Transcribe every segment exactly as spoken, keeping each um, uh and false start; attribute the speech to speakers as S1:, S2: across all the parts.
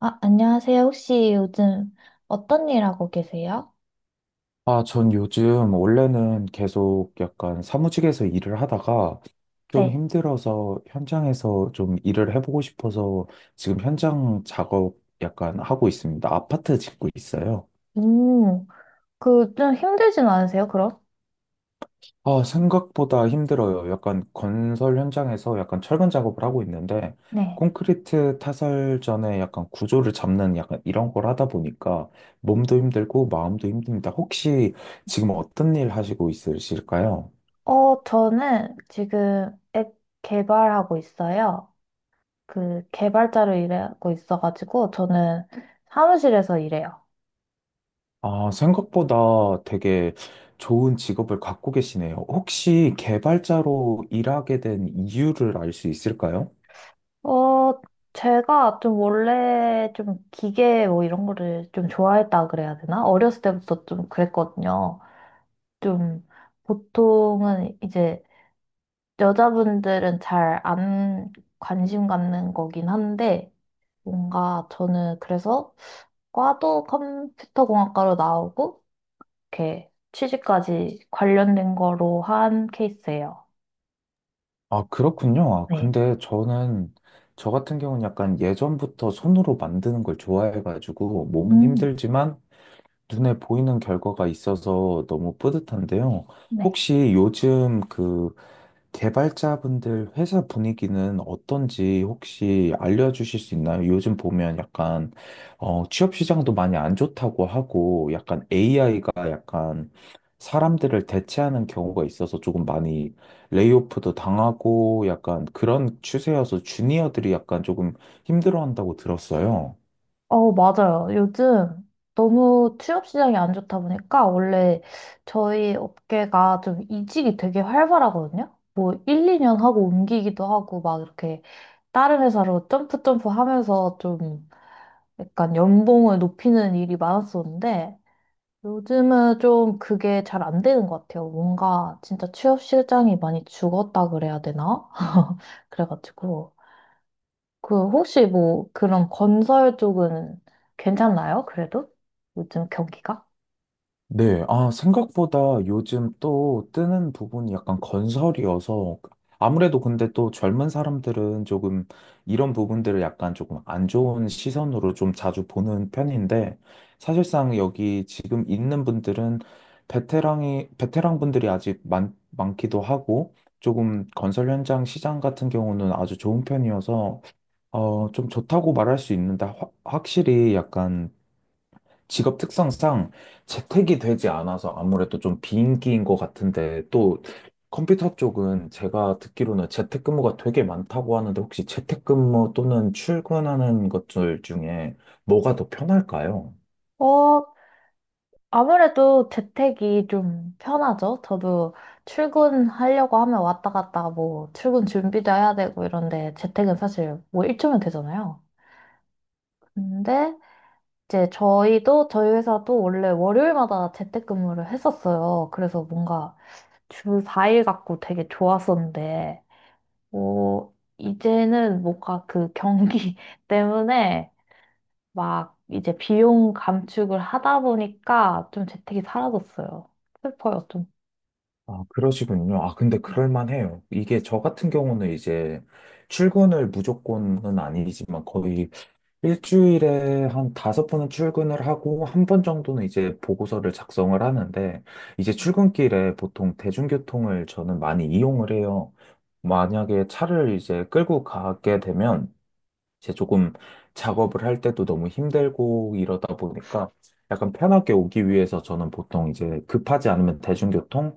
S1: 아, 안녕하세요. 혹시 요즘 어떤 일 하고 계세요?
S2: 아, 전 요즘 원래는 계속 약간 사무직에서 일을 하다가 좀
S1: 네.
S2: 힘들어서 현장에서 좀 일을 해보고 싶어서 지금 현장 작업 약간 하고 있습니다. 아파트 짓고 있어요.
S1: 음, 그 좀 힘들진 않으세요, 그럼?
S2: 아, 생각보다 힘들어요. 약간 건설 현장에서 약간 철근 작업을 하고 있는데
S1: 네.
S2: 콘크리트 타설 전에 약간 구조를 잡는 약간 이런 걸 하다 보니까 몸도 힘들고 마음도 힘듭니다. 혹시 지금 어떤 일 하시고 있으실까요?
S1: 어, 저는 지금 앱 개발하고 있어요. 그 개발자로 일하고 있어가지고 저는 사무실에서 일해요.
S2: 아, 생각보다 되게 좋은 직업을 갖고 계시네요. 혹시 개발자로 일하게 된 이유를 알 수 있을까요?
S1: 어, 제가 좀 원래 좀 기계 뭐 이런 거를 좀 좋아했다 그래야 되나? 어렸을 때부터 좀 그랬거든요. 좀 보통은 이제 여자분들은 잘 안 관심 갖는 거긴 한데, 뭔가 저는 그래서 과도 컴퓨터공학과로 나오고, 이렇게 취직까지 관련된 거로 한 케이스예요.
S2: 아, 그렇군요. 아,
S1: 네.
S2: 근데 저는, 저 같은 경우는 약간 예전부터 손으로 만드는 걸 좋아해가지고, 몸은
S1: 음,
S2: 힘들지만 눈에 보이는 결과가 있어서 너무 뿌듯한데요.
S1: 네.
S2: 혹시 요즘 그 개발자분들 회사 분위기는 어떤지 혹시 알려주실 수 있나요? 요즘 보면 약간 어, 취업 시장도 많이 안 좋다고 하고 약간 에이아이가 약간 사람들을 대체하는 경우가 있어서 조금 많이 레이오프도 당하고 약간 그런 추세여서 주니어들이 약간 조금 힘들어한다고 들었어요.
S1: 어, 맞아요. 요즘 너무 취업 시장이 안 좋다 보니까 원래 저희 업계가 좀 이직이 되게 활발하거든요. 뭐 일, 이 년 하고 옮기기도 하고 막 이렇게 다른 회사로 점프 점프 하면서 좀 약간 연봉을 높이는 일이 많았었는데 요즘은 좀 그게 잘 안 되는 것 같아요. 뭔가 진짜 취업 시장이 많이 죽었다 그래야 되나? 그래가지고 그 혹시 뭐 그런 건설 쪽은 괜찮나요? 그래도 요즘 경기가?
S2: 네, 아, 생각보다 요즘 또 뜨는 부분이 약간 건설이어서 아무래도 근데 또 젊은 사람들은 조금 이런 부분들을 약간 조금 안 좋은 시선으로 좀 자주 보는 편인데 사실상 여기 지금 있는 분들은 베테랑이, 베테랑 분들이 아직 많, 많기도 하고 조금 건설 현장 시장 같은 경우는 아주 좋은 편이어서 어, 좀 좋다고 말할 수 있는데 확- 확실히 약간 직업 특성상 재택이 되지 않아서 아무래도 좀 비인기인 것 같은데 또 컴퓨터 쪽은 제가 듣기로는 재택근무가 되게 많다고 하는데 혹시 재택근무 또는 출근하는 것들 중에 뭐가 더 편할까요?
S1: 어, 아무래도 재택이 좀 편하죠. 저도 출근하려고 하면 왔다 갔다 뭐 출근 준비도 해야 되고 이런데 재택은 사실 뭐 일 초면 되잖아요. 근데 이제 저희도 저희 회사도 원래 월요일마다 재택근무를 했었어요. 그래서 뭔가 주 사 일 갖고 되게 좋았었는데, 어, 이제는 뭔가 그 경기 때문에 막 이제 비용 감축을 하다 보니까 좀 재택이 사라졌어요. 슬퍼요, 좀.
S2: 아, 그러시군요. 아, 근데 그럴만해요. 이게 저 같은 경우는 이제 출근을 무조건은 아니지만 거의 일주일에 한 다섯 번은 출근을 하고 한 번 정도는 이제 보고서를 작성을 하는데 이제 출근길에 보통 대중교통을 저는 많이 이용을 해요. 만약에 차를 이제 끌고 가게 되면 이제 조금 작업을 할 때도 너무 힘들고 이러다 보니까 약간 편하게 오기 위해서 저는 보통 이제 급하지 않으면 대중교통,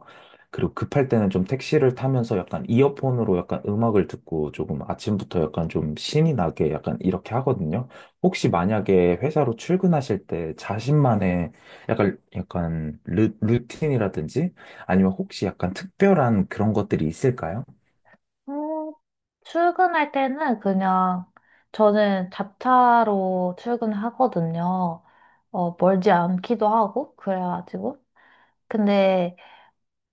S2: 그리고 급할 때는 좀 택시를 타면서 약간 이어폰으로 약간 음악을 듣고 조금 아침부터 약간 좀 신이 나게 약간 이렇게 하거든요. 혹시 만약에 회사로 출근하실 때 자신만의 약간, 약간 루, 루틴이라든지 아니면 혹시 약간 특별한 그런 것들이 있을까요?
S1: 음, 출근할 때는 그냥 저는 자차로 출근하거든요. 어, 멀지 않기도 하고 그래가지고 근데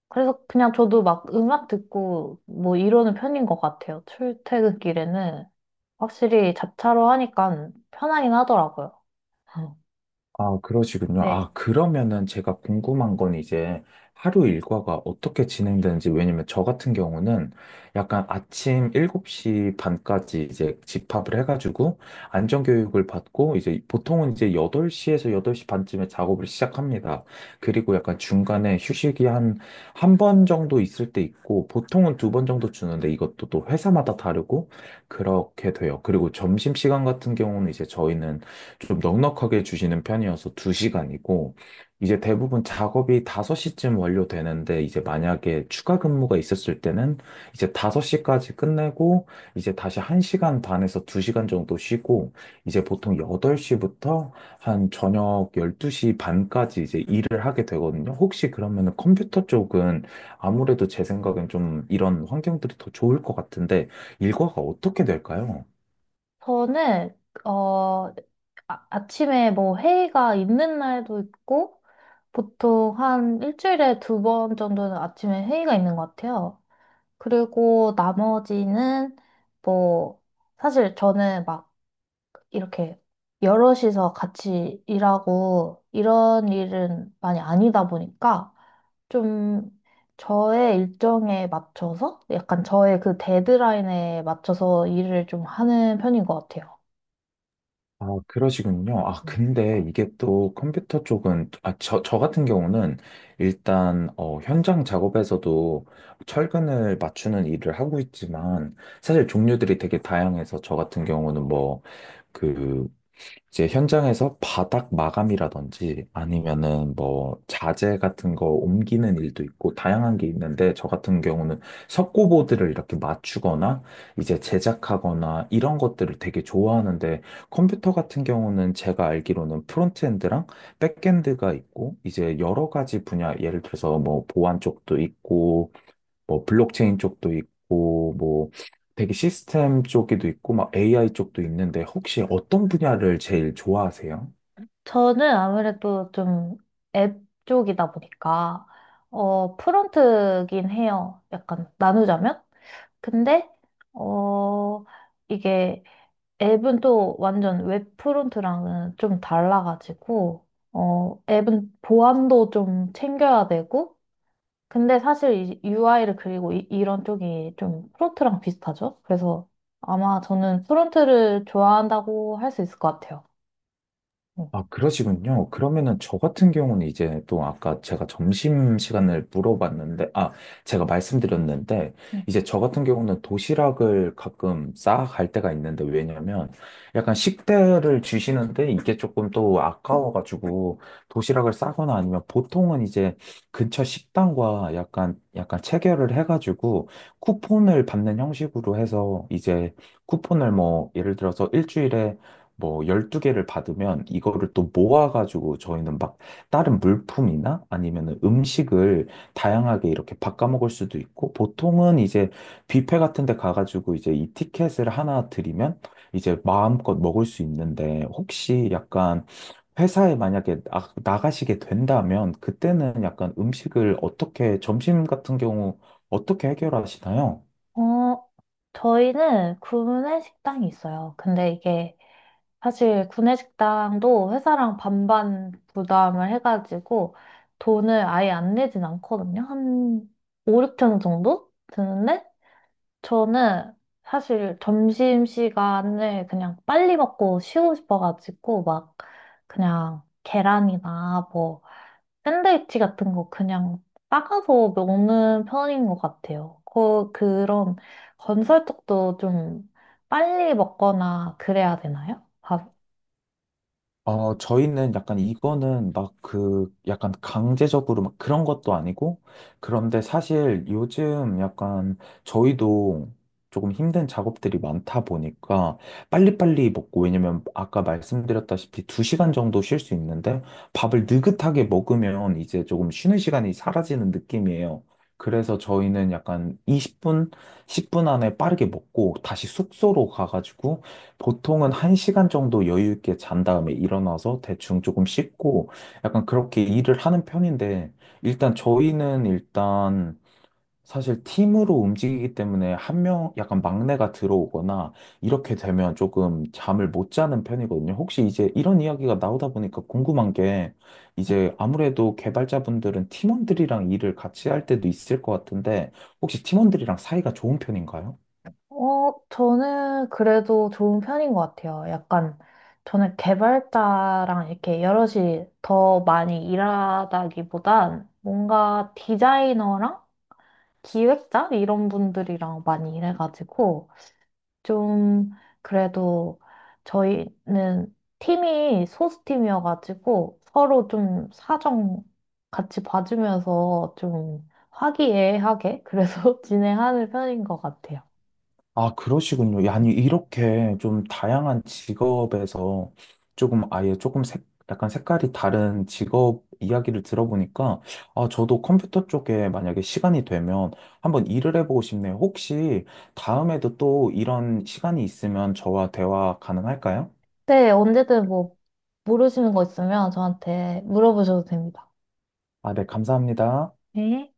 S1: 그래서 그냥 저도 막 음악 듣고 뭐 이러는 편인 것 같아요. 출퇴근길에는 확실히 자차로 하니까 편하긴 하더라고요. 음.
S2: 아, 그러시군요.
S1: 네.
S2: 아, 그러면은 제가 궁금한 건 이제 하루 일과가 어떻게 진행되는지, 왜냐면 저 같은 경우는 약간 아침 일곱 시 반까지 이제 집합을 해가지고 안전교육을 받고 이제 보통은 이제 여덟 시에서 여덟 시 반쯤에 작업을 시작합니다. 그리고 약간 중간에 휴식이 한, 한 번 정도 있을 때 있고 보통은 두 번 정도 주는데 이것도 또 회사마다 다르고 그렇게 돼요. 그리고 점심시간 같은 경우는 이제 저희는 좀 넉넉하게 주시는 편이어서 두 시간이고, 이제 대부분 작업이 다섯 시쯤 완료되는데, 이제 만약에 추가 근무가 있었을 때는 이제 다섯 시까지 끝내고, 이제 다시 한 시간 반에서 두 시간 정도 쉬고, 이제 보통 여덟 시부터 한 저녁 열두 시 반까지 이제 일을 하게 되거든요. 혹시 그러면은 컴퓨터 쪽은 아무래도 제 생각엔 좀 이런 환경들이 더 좋을 것 같은데, 일과가 어떻게 될까요?
S1: 저는, 어, 아, 아침에 뭐 회의가 있는 날도 있고, 보통 한 일주일에 두 번 정도는 아침에 회의가 있는 것 같아요. 그리고 나머지는 뭐, 사실 저는 막 이렇게 여럿이서 같이 일하고 이런 일은 많이 아니다 보니까 좀 저의 일정에 맞춰서 약간 저의 그 데드라인에 맞춰서 일을 좀 하는 편인 것 같아요.
S2: 아, 그러시군요. 아,
S1: 네.
S2: 근데 이게 또 컴퓨터 쪽은, 아, 저, 저 같은 경우는 일단, 어, 현장 작업에서도 철근을 맞추는 일을 하고 있지만, 사실 종류들이 되게 다양해서 저 같은 경우는 뭐, 그 이제 현장에서 바닥 마감이라든지 아니면은 뭐 자재 같은 거 옮기는 일도 있고 다양한 게 있는데 저 같은 경우는 석고보드를 이렇게 맞추거나 이제 제작하거나 이런 것들을 되게 좋아하는데 컴퓨터 같은 경우는 제가 알기로는 프론트엔드랑 백엔드가 있고 이제 여러 가지 분야 예를 들어서 뭐 보안 쪽도 있고 뭐 블록체인 쪽도 있고 뭐 되게 시스템 쪽에도 있고 막 에이아이 쪽도 있는데 혹시 어떤 분야를 제일 좋아하세요?
S1: 저는 아무래도 좀 앱 쪽이다 보니까 어 프론트긴 해요. 약간 나누자면. 근데 어 이게 앱은 또 완전 웹 프론트랑은 좀 달라가지고, 어, 앱은 보안도 좀 챙겨야 되고, 근데 사실 유아이를 그리고 이, 이런 쪽이 좀 프론트랑 비슷하죠? 그래서 아마 저는 프론트를 좋아한다고 할 수 있을 것 같아요. 네.
S2: 아, 그러시군요. 그러면은 저 같은 경우는 이제 또 아까 제가 점심 시간을 물어봤는데, 아, 제가 말씀드렸는데,
S1: 네.
S2: 이제 저 같은 경우는 도시락을 가끔 싸갈 때가 있는데, 왜냐면 약간 식대를 주시는데 이게 조금 또 아까워가지고 도시락을 싸거나 아니면 보통은 이제 근처 식당과 약간, 약간 체결을 해가지고 쿠폰을 받는 형식으로 해서 이제 쿠폰을 뭐 예를 들어서 일주일에 뭐 열두 개를 받으면 이거를 또 모아가지고 저희는 막 다른 물품이나 아니면 음식을 다양하게 이렇게 바꿔 먹을 수도 있고 보통은 이제 뷔페 같은 데 가가지고 이제 이 티켓을 하나 드리면 이제 마음껏 먹을 수 있는데 혹시 약간 회사에 만약에 나, 나가시게 된다면 그때는 약간 음식을 어떻게 점심 같은 경우 어떻게 해결하시나요?
S1: 어, 저희는 구내 식당이 있어요. 근데 이게 사실 구내식당도 회사랑 반반 부담을 해가지고 돈을 아예 안 내진 않거든요. 한 오, 육천 원 정도 드는데 저는 사실 점심시간을 그냥 빨리 먹고 쉬고 싶어가지고 막 그냥 계란이나 뭐 샌드위치 같은 거 그냥 싸가서 먹는 편인 것 같아요. 그, 그런 건설 쪽도 좀 빨리 먹거나 그래야 되나요?
S2: 어, 저희는 약간 이거는 막 그, 약간 강제적으로 막 그런 것도 아니고, 그런데 사실 요즘 약간 저희도 조금 힘든 작업들이 많다 보니까 빨리빨리 먹고, 왜냐면 아까 말씀드렸다시피 두시간 정도 쉴 수 있는데 밥을 느긋하게 먹으면 이제 조금 쉬는 시간이 사라지는 느낌이에요. 그래서 저희는 약간 이십 분, 십 분 안에 빠르게 먹고 다시 숙소로 가가지고 보통은 한시간 정도 여유 있게 잔 다음에 일어나서 대충 조금 씻고 약간 그렇게 일을 하는 편인데 일단 저희는 일단 사실 팀으로 움직이기 때문에 한 명 약간 막내가 들어오거나 이렇게 되면 조금 잠을 못 자는 편이거든요. 혹시 이제 이런 이야기가 나오다 보니까 궁금한 게 이제 아무래도 개발자분들은 팀원들이랑 일을 같이 할 때도 있을 것 같은데 혹시 팀원들이랑 사이가 좋은 편인가요?
S1: 어, 저는 그래도 좋은 편인 것 같아요. 약간, 저는 개발자랑 이렇게 여럿이 더 많이 일하다기보단 뭔가 디자이너랑 기획자? 이런 분들이랑 많이 일해가지고, 좀, 그래도 저희는 팀이 소수팀이어가지고 서로 좀 사정 같이 봐주면서 좀 화기애애하게 그래서 진행하는 편인 것 같아요.
S2: 아, 그러시군요. 야, 아니, 이렇게 좀 다양한 직업에서 조금 아예 조금 색, 약간 색깔이 다른 직업 이야기를 들어보니까, 아, 저도 컴퓨터 쪽에 만약에 시간이 되면 한번 일을 해보고 싶네요. 혹시 다음에도 또 이런 시간이 있으면 저와 대화 가능할까요?
S1: 네, 언제든 뭐 모르시는 거 있으면 저한테 물어보셔도 됩니다.
S2: 아, 네, 감사합니다.
S1: 네.